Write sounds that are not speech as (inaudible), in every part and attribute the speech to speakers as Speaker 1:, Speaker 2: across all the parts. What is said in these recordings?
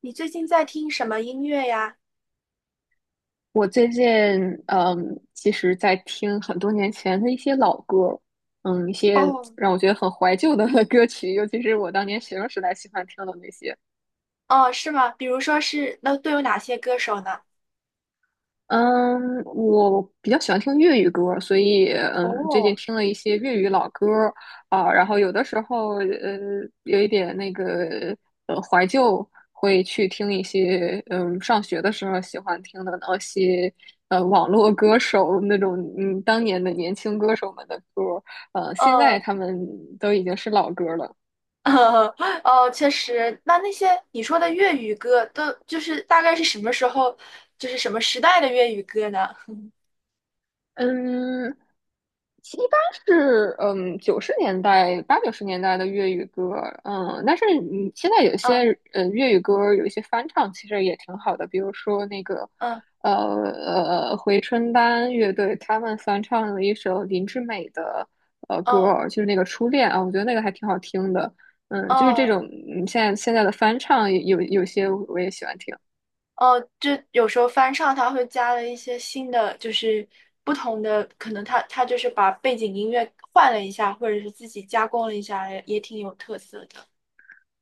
Speaker 1: 你最近在听什么音乐呀？
Speaker 2: 我最近嗯，其实在听很多年前的一些老歌儿一些
Speaker 1: 哦，
Speaker 2: 让我觉得很怀旧的 (laughs) 歌曲，尤其是我当年学生时代喜欢听的那些。
Speaker 1: 哦，是吗？比如说是，那都有哪些歌手呢？
Speaker 2: 嗯，我比较喜欢听粤语歌儿，所以最近
Speaker 1: 哦，
Speaker 2: 听了一些粤语老歌儿，然后有的时候，有一点那个怀旧，会去听一些上学的时候喜欢听的那些网络歌手那种当年的年轻歌手们的歌儿。现在
Speaker 1: 呃，
Speaker 2: 他们都已经是老歌儿了。
Speaker 1: (laughs) 呃，哦，确实，那些你说的粤语歌，都就是大概是什么时候，就是什么时代的粤语歌呢？
Speaker 2: 嗯，其一般是九十年代，80、90年代的粤语歌，但是你现在有
Speaker 1: 嗯
Speaker 2: 些粤语歌有一些翻唱，其实也挺好的，比如说那个
Speaker 1: 嗯，
Speaker 2: 回春丹乐队，他们翻唱了一首林志美的歌
Speaker 1: 哦
Speaker 2: 儿，就是那个初恋啊，我觉得那个还挺好听的，就是这
Speaker 1: 哦
Speaker 2: 种现在的翻唱，有些我也喜欢听。
Speaker 1: 哦，就有时候翻唱，它会加了一些新的，就是不同的，可能它就是把背景音乐换了一下，或者是自己加工了一下，也挺有特色的。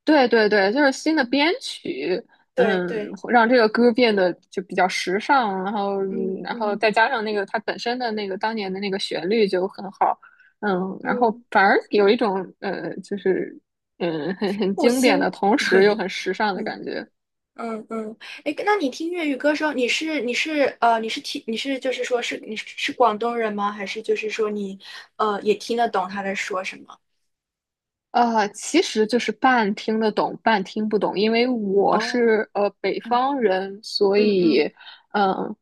Speaker 2: 对对对，就是新的编曲，
Speaker 1: 对
Speaker 2: 嗯，
Speaker 1: 对。
Speaker 2: 让这个歌变得就比较时尚，然后
Speaker 1: 嗯
Speaker 2: 然后
Speaker 1: 嗯
Speaker 2: 再加上那个它本身的那个当年的那个旋律就很好，然后
Speaker 1: 嗯，
Speaker 2: 反而有一种，就是很很
Speaker 1: 复
Speaker 2: 经典
Speaker 1: 兴，
Speaker 2: 的同时又很时尚的
Speaker 1: 嗯
Speaker 2: 感觉。
Speaker 1: 嗯嗯，哎，那你听粤语歌的时候，你是就是说是你是是广东人吗？还是就是说你也听得懂他在说什么？
Speaker 2: 其实就是半听得懂，半听不懂，因为我
Speaker 1: 哦，
Speaker 2: 是北
Speaker 1: 嗯
Speaker 2: 方人，所
Speaker 1: 嗯
Speaker 2: 以
Speaker 1: 嗯，
Speaker 2: 嗯、呃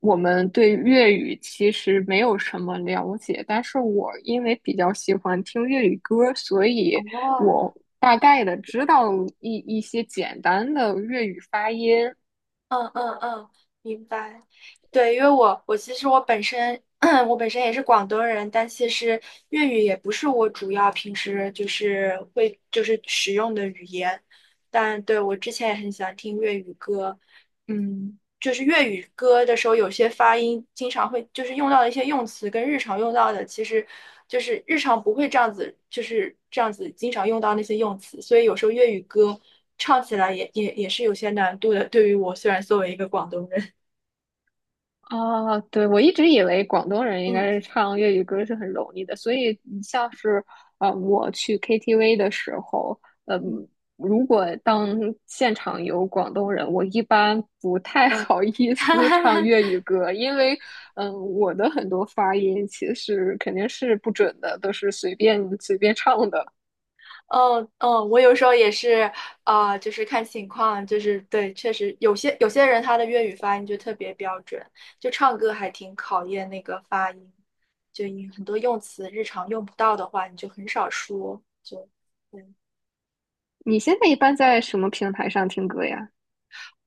Speaker 2: 我们对粤语其实没有什么了解，但是我因为比较喜欢听粤语歌，所以
Speaker 1: 哦，
Speaker 2: 我大概的知道一些简单的粤语发音。
Speaker 1: 嗯嗯嗯，明白。对，因为我其实我本身 (clears throat) 我本身也是广东人，但其实粤语也不是我主要平时就是会就是使用的语言。但对，我之前也很喜欢听粤语歌，嗯。就是粤语歌的时候，有些发音经常会就是用到的一些用词，跟日常用到的，其实就是日常不会这样子，就是这样子经常用到那些用词，所以有时候粤语歌唱起来也是有些难度的。对于我，虽然作为一个广东人，
Speaker 2: 啊，对，我一直以为广东人应该是
Speaker 1: 嗯
Speaker 2: 唱粤语歌是很容易的，所以你像是，我去 KTV 的时候，嗯，
Speaker 1: 嗯
Speaker 2: 如果当现场有广东人，我一般不太
Speaker 1: 嗯，
Speaker 2: 好意
Speaker 1: (laughs) 哈
Speaker 2: 思
Speaker 1: 哈
Speaker 2: 唱
Speaker 1: 哈。
Speaker 2: 粤语歌，因为我的很多发音其实肯定是不准的，都是随便唱的。
Speaker 1: 嗯嗯，我有时候也是，啊、就是看情况，就是对，确实有些人他的粤语发音就特别标准，就唱歌还挺考验那个发音，就你很多用词日常用不到的话，你就很少说，就对
Speaker 2: 你现在一般在什么平台上听歌呀？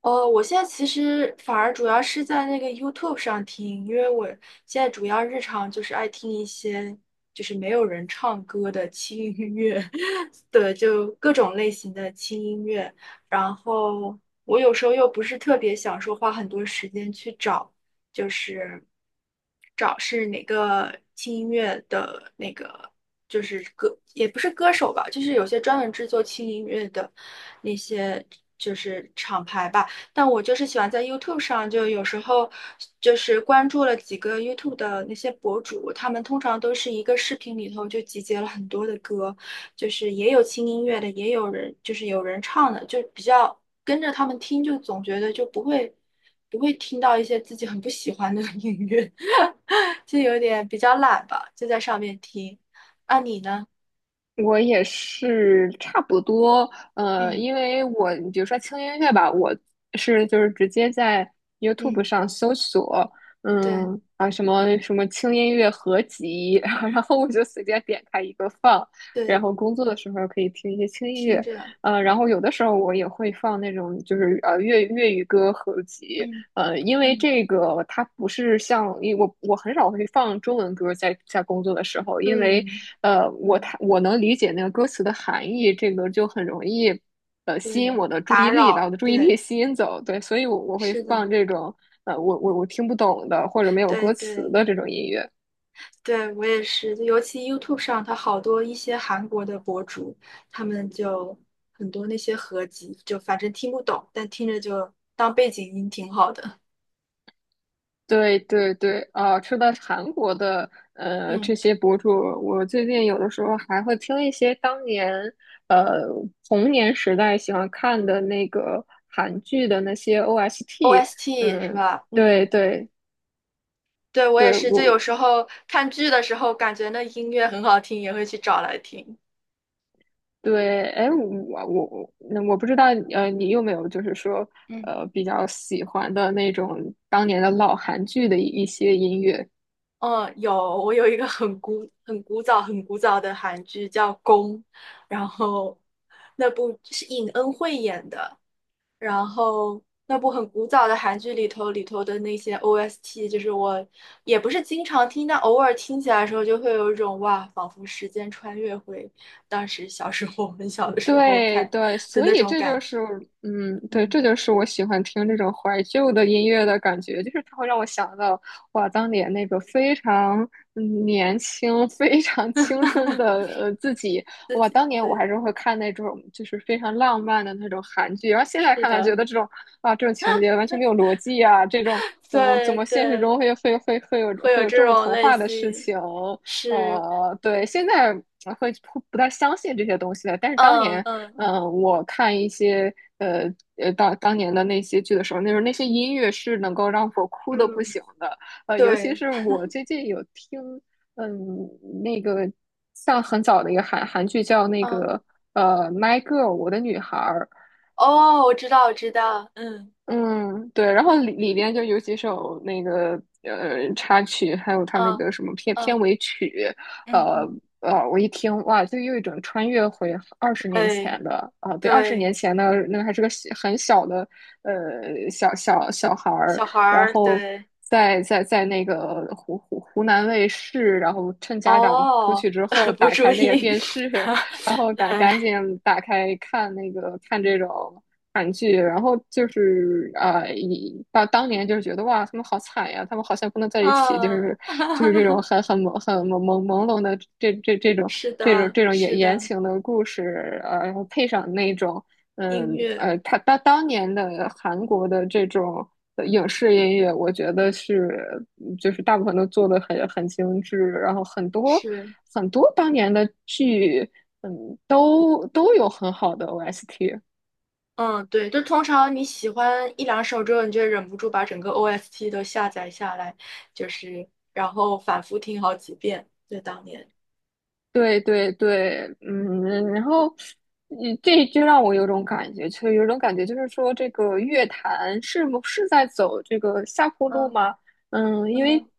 Speaker 1: 哦，我现在其实反而主要是在那个 YouTube 上听，因为我现在主要日常就是爱听一些就是没有人唱歌的轻音乐，(laughs) 对，就各种类型的轻音乐。然后我有时候又不是特别想说花很多时间去找，就是找是哪个轻音乐的那个，就是歌，也不是歌手吧，就是有些专门制作轻音乐的那些就是厂牌吧。但我就是喜欢在 YouTube 上，就有时候就是关注了几个 YouTube 的那些博主，他们通常都是一个视频里头就集结了很多的歌，就是也有轻音乐的，也有人就是有人唱的，就比较跟着他们听，就总觉得就不会听到一些自己很不喜欢的音乐，(laughs) 就有点比较懒吧，就在上面听。那你呢？
Speaker 2: 我也是差不多。
Speaker 1: 嗯
Speaker 2: 因为我比如说轻音乐吧，我是就是直接在 YouTube
Speaker 1: 嗯，
Speaker 2: 上搜索，
Speaker 1: 对
Speaker 2: 嗯什么什么轻音乐合集，(laughs) 然后我就随便点开一个放，然
Speaker 1: 对，
Speaker 2: 后工作的时候可以听一些轻音
Speaker 1: 听
Speaker 2: 乐。
Speaker 1: 着，
Speaker 2: 然后有的时候我也会放那种就是粤语歌合集。
Speaker 1: 嗯
Speaker 2: 因为
Speaker 1: 嗯
Speaker 2: 这个它不是像，因为我我很少会放中文歌在在工作的时候，因为
Speaker 1: 嗯。
Speaker 2: 我能理解那个歌词的含义，这个就很容易吸引
Speaker 1: 对，
Speaker 2: 我的注
Speaker 1: 打
Speaker 2: 意力，把我
Speaker 1: 扰，
Speaker 2: 的注意力
Speaker 1: 对，
Speaker 2: (laughs) 吸引走。对，所以我会
Speaker 1: 是的，
Speaker 2: 放这种我听不懂的或者没有
Speaker 1: 对
Speaker 2: 歌词
Speaker 1: 对
Speaker 2: 的这种音乐。
Speaker 1: 对，我也是，尤其 YouTube 上，它好多一些韩国的博主，他们就很多那些合集，就反正听不懂，但听着就当背景音挺好的。
Speaker 2: 对对对，啊，说到韩国的
Speaker 1: 嗯
Speaker 2: 这些博主，我最近有的时候还会听一些当年呃童年时代喜欢看的那个韩剧的那些 OST。
Speaker 1: ，OST 是
Speaker 2: 嗯，
Speaker 1: 吧？
Speaker 2: 对
Speaker 1: 嗯，
Speaker 2: 对
Speaker 1: 对，我也
Speaker 2: 对，
Speaker 1: 是，就有
Speaker 2: 我
Speaker 1: 时候看剧的时候，感觉那音乐很好听，也会去找来听。
Speaker 2: 对，哎，我不知道，你有没有就是说
Speaker 1: 嗯。
Speaker 2: 比较喜欢的那种当年的老韩剧的一些音乐？
Speaker 1: 嗯，有，我有一个很古、很古早、很古早的韩剧叫《宫》，然后那部是尹恩惠演的，然后那部很古早的韩剧里头的那些 OST，就是我也不是经常听，但偶尔听起来的时候，就会有一种哇，仿佛时间穿越回当时小时候、很小的时候
Speaker 2: 对
Speaker 1: 看
Speaker 2: 对，
Speaker 1: 的
Speaker 2: 所
Speaker 1: 那
Speaker 2: 以
Speaker 1: 种
Speaker 2: 这
Speaker 1: 感
Speaker 2: 就
Speaker 1: 觉。
Speaker 2: 是，对，
Speaker 1: 嗯，
Speaker 2: 这就是我喜欢听这种怀旧的音乐的感觉，就是它会让我想到，哇，当年那个非常年轻、非常青春的自己。
Speaker 1: 自
Speaker 2: 哇，
Speaker 1: 己
Speaker 2: 当年我
Speaker 1: 对，
Speaker 2: 还是会看那种就是非常浪漫的那种韩剧，然后现在
Speaker 1: 是
Speaker 2: 看来
Speaker 1: 的，
Speaker 2: 觉得，这种啊，这种情节完全没有逻辑啊，这种怎么怎
Speaker 1: 对
Speaker 2: 么现实
Speaker 1: 对，
Speaker 2: 中会有
Speaker 1: 会有
Speaker 2: 这
Speaker 1: 这
Speaker 2: 么
Speaker 1: 种
Speaker 2: 童
Speaker 1: 类
Speaker 2: 话的事
Speaker 1: 型，
Speaker 2: 情。
Speaker 1: 是。
Speaker 2: 对，现在会不太相信这些东西了。但是当
Speaker 1: 嗯
Speaker 2: 年，
Speaker 1: 嗯
Speaker 2: 我看一些呃当年的那些剧的时候，那时候那些音乐是能够让我哭的不
Speaker 1: 嗯，
Speaker 2: 行的。尤其
Speaker 1: 对，
Speaker 2: 是我最近有听，嗯，那个像很早的一个韩剧叫那
Speaker 1: 嗯，
Speaker 2: 个《My Girl》《我的女孩儿》，
Speaker 1: 哦，我知道，我知道，嗯
Speaker 2: 嗯，对，然后里边就有几首那个插曲，还有他那
Speaker 1: 嗯
Speaker 2: 个什么片片
Speaker 1: 嗯，
Speaker 2: 尾曲，
Speaker 1: 嗯
Speaker 2: 呃
Speaker 1: 嗯，
Speaker 2: 我一听，哇，就又一种穿越回二十年
Speaker 1: 对
Speaker 2: 前的，啊，对，二十
Speaker 1: 对，
Speaker 2: 年前的那个还是个小很小的小孩儿，
Speaker 1: 小孩
Speaker 2: 然
Speaker 1: 儿，
Speaker 2: 后
Speaker 1: 对，
Speaker 2: 在那个湖南卫视，然后趁家长出
Speaker 1: 哦，
Speaker 2: 去之后
Speaker 1: (laughs) 不
Speaker 2: 打
Speaker 1: 注
Speaker 2: 开那个
Speaker 1: 意，
Speaker 2: 电视，(laughs) 然
Speaker 1: (laughs)
Speaker 2: 后赶
Speaker 1: 对，
Speaker 2: 赶紧打开看那个看这种韩剧，然后就是啊，以当年就是觉得，哇，他们好惨呀，他们好像不能在一起，就
Speaker 1: 嗯，
Speaker 2: 是这种
Speaker 1: (laughs)
Speaker 2: 很朦胧的这种
Speaker 1: 是
Speaker 2: 这种
Speaker 1: 的，
Speaker 2: 这种
Speaker 1: 是
Speaker 2: 言言
Speaker 1: 的，
Speaker 2: 情的故事。然后配上那种
Speaker 1: 音乐
Speaker 2: 他当年的韩国的这种影视音乐，我觉得是就是大部分都做的很很精致，然后
Speaker 1: 是，
Speaker 2: 很多当年的剧。嗯，都都有很好的 OST。
Speaker 1: 嗯，对，就通常你喜欢一两首之后，你就忍不住把整个 OST 都下载下来，就是然后反复听好几遍，就当年，
Speaker 2: 对对对，然后，这就让我有种感觉，就有种感觉，就是说这个乐坛是不是在走这个下坡路
Speaker 1: 嗯
Speaker 2: 吗？因为
Speaker 1: 嗯，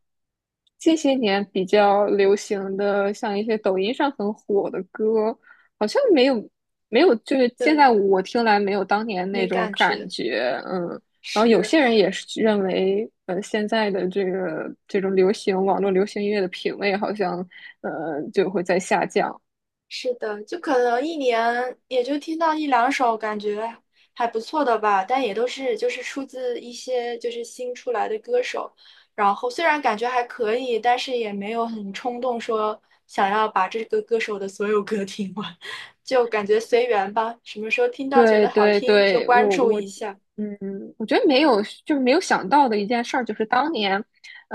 Speaker 2: 近些年比较流行的，像一些抖音上很火的歌，好像没有，没有，就是现
Speaker 1: 对。
Speaker 2: 在我听来没有当年那
Speaker 1: 没
Speaker 2: 种
Speaker 1: 感
Speaker 2: 感
Speaker 1: 觉，
Speaker 2: 觉。嗯。然后有
Speaker 1: 是
Speaker 2: 些人也是认为，现在的这个这种流行，网络流行音乐的品味好像，就会在下降。
Speaker 1: 是的，就可能一年也就听到一两首，感觉还不错的吧，但也都是就是出自一些就是新出来的歌手，然后虽然感觉还可以，但是也没有很冲动说想要把这个歌手的所有歌听完，(laughs) 就感觉随缘吧，什么时候听到觉
Speaker 2: 对
Speaker 1: 得好
Speaker 2: 对
Speaker 1: 听就
Speaker 2: 对，
Speaker 1: 关注一下，
Speaker 2: 嗯，我觉得没有，就是没有想到的一件事儿，就是当年，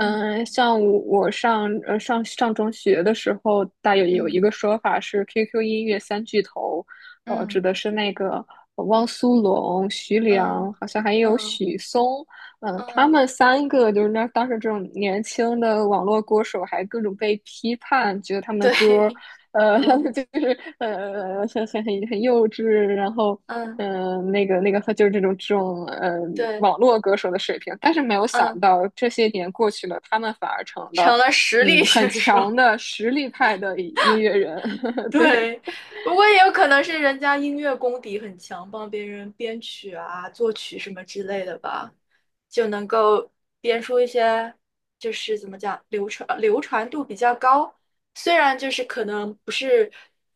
Speaker 1: 嗯
Speaker 2: 像我上中学的时候，大有一
Speaker 1: 嗯
Speaker 2: 个说法是 QQ 音乐三巨头，
Speaker 1: 嗯
Speaker 2: 指的是那个汪苏泷、徐
Speaker 1: 嗯
Speaker 2: 良，好像还有
Speaker 1: 嗯
Speaker 2: 许嵩。他
Speaker 1: 嗯，
Speaker 2: 们三个就是那当时这种年轻的网络歌手，还各种被批判，觉得他们的
Speaker 1: 对，
Speaker 2: 歌，
Speaker 1: (laughs)
Speaker 2: 呃，(laughs) 就
Speaker 1: 嗯
Speaker 2: 是很幼稚，然后
Speaker 1: 嗯
Speaker 2: 就是这种这种
Speaker 1: 对，
Speaker 2: 网络歌手的水平。但是没有
Speaker 1: 嗯。
Speaker 2: 想到，这些年过去了，他们反而成了
Speaker 1: 成了实力
Speaker 2: 很
Speaker 1: 选手。
Speaker 2: 强的实力派的音乐人。
Speaker 1: (laughs)
Speaker 2: (laughs) 对
Speaker 1: 对，不过也有可能是人家音乐功底很强，帮别人编曲啊、作曲什么之类的吧，就能够编出一些就是怎么讲，流传度比较高。虽然就是可能不是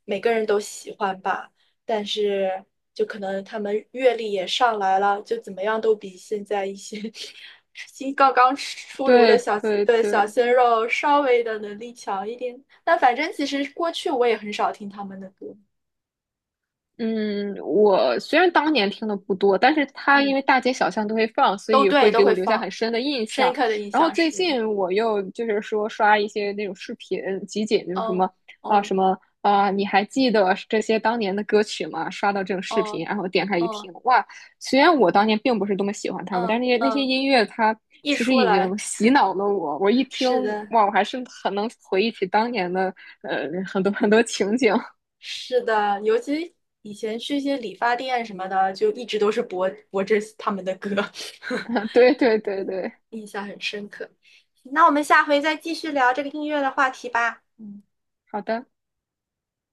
Speaker 1: 每个人都喜欢吧，但是就可能他们阅历也上来了，就怎么样都比现在一些 (laughs) 新刚刚出炉的
Speaker 2: 对
Speaker 1: 小
Speaker 2: 对
Speaker 1: 的小
Speaker 2: 对。
Speaker 1: 鲜肉稍微的能力强一点。但反正其实过去我也很少听他们的歌，
Speaker 2: 嗯，我虽然当年听的不多，但是它因
Speaker 1: 嗯，
Speaker 2: 为大街小巷都会放，所
Speaker 1: 都
Speaker 2: 以
Speaker 1: 对，
Speaker 2: 会
Speaker 1: 都
Speaker 2: 给我
Speaker 1: 会
Speaker 2: 留下很
Speaker 1: 放。
Speaker 2: 深的印
Speaker 1: 深
Speaker 2: 象。
Speaker 1: 刻的印
Speaker 2: 然后
Speaker 1: 象
Speaker 2: 最
Speaker 1: 是，
Speaker 2: 近我又就是说刷一些那种视频集锦，就是什
Speaker 1: 哦
Speaker 2: 么啊，
Speaker 1: 哦
Speaker 2: 什么啊，你还记得这些当年的歌曲吗？刷到这种视
Speaker 1: 哦
Speaker 2: 频，然后点开一
Speaker 1: 哦
Speaker 2: 听，哇！虽然我当年并不是多么喜欢他们，但是那
Speaker 1: 嗯
Speaker 2: 些那些
Speaker 1: 嗯，
Speaker 2: 音乐它
Speaker 1: 一
Speaker 2: 其实
Speaker 1: 出
Speaker 2: 已
Speaker 1: 来，
Speaker 2: 经洗脑了我。我一听，
Speaker 1: 是的，
Speaker 2: 哇，我还是很能回忆起当年的很多情景。
Speaker 1: 是的，尤其以前去一些理发店什么的，就一直都是播这他们的歌。(laughs)
Speaker 2: (laughs) 对对
Speaker 1: 对，
Speaker 2: 对对。
Speaker 1: 印象很深刻。那我们下回再继续聊这个音乐的话题吧。嗯。
Speaker 2: 好的。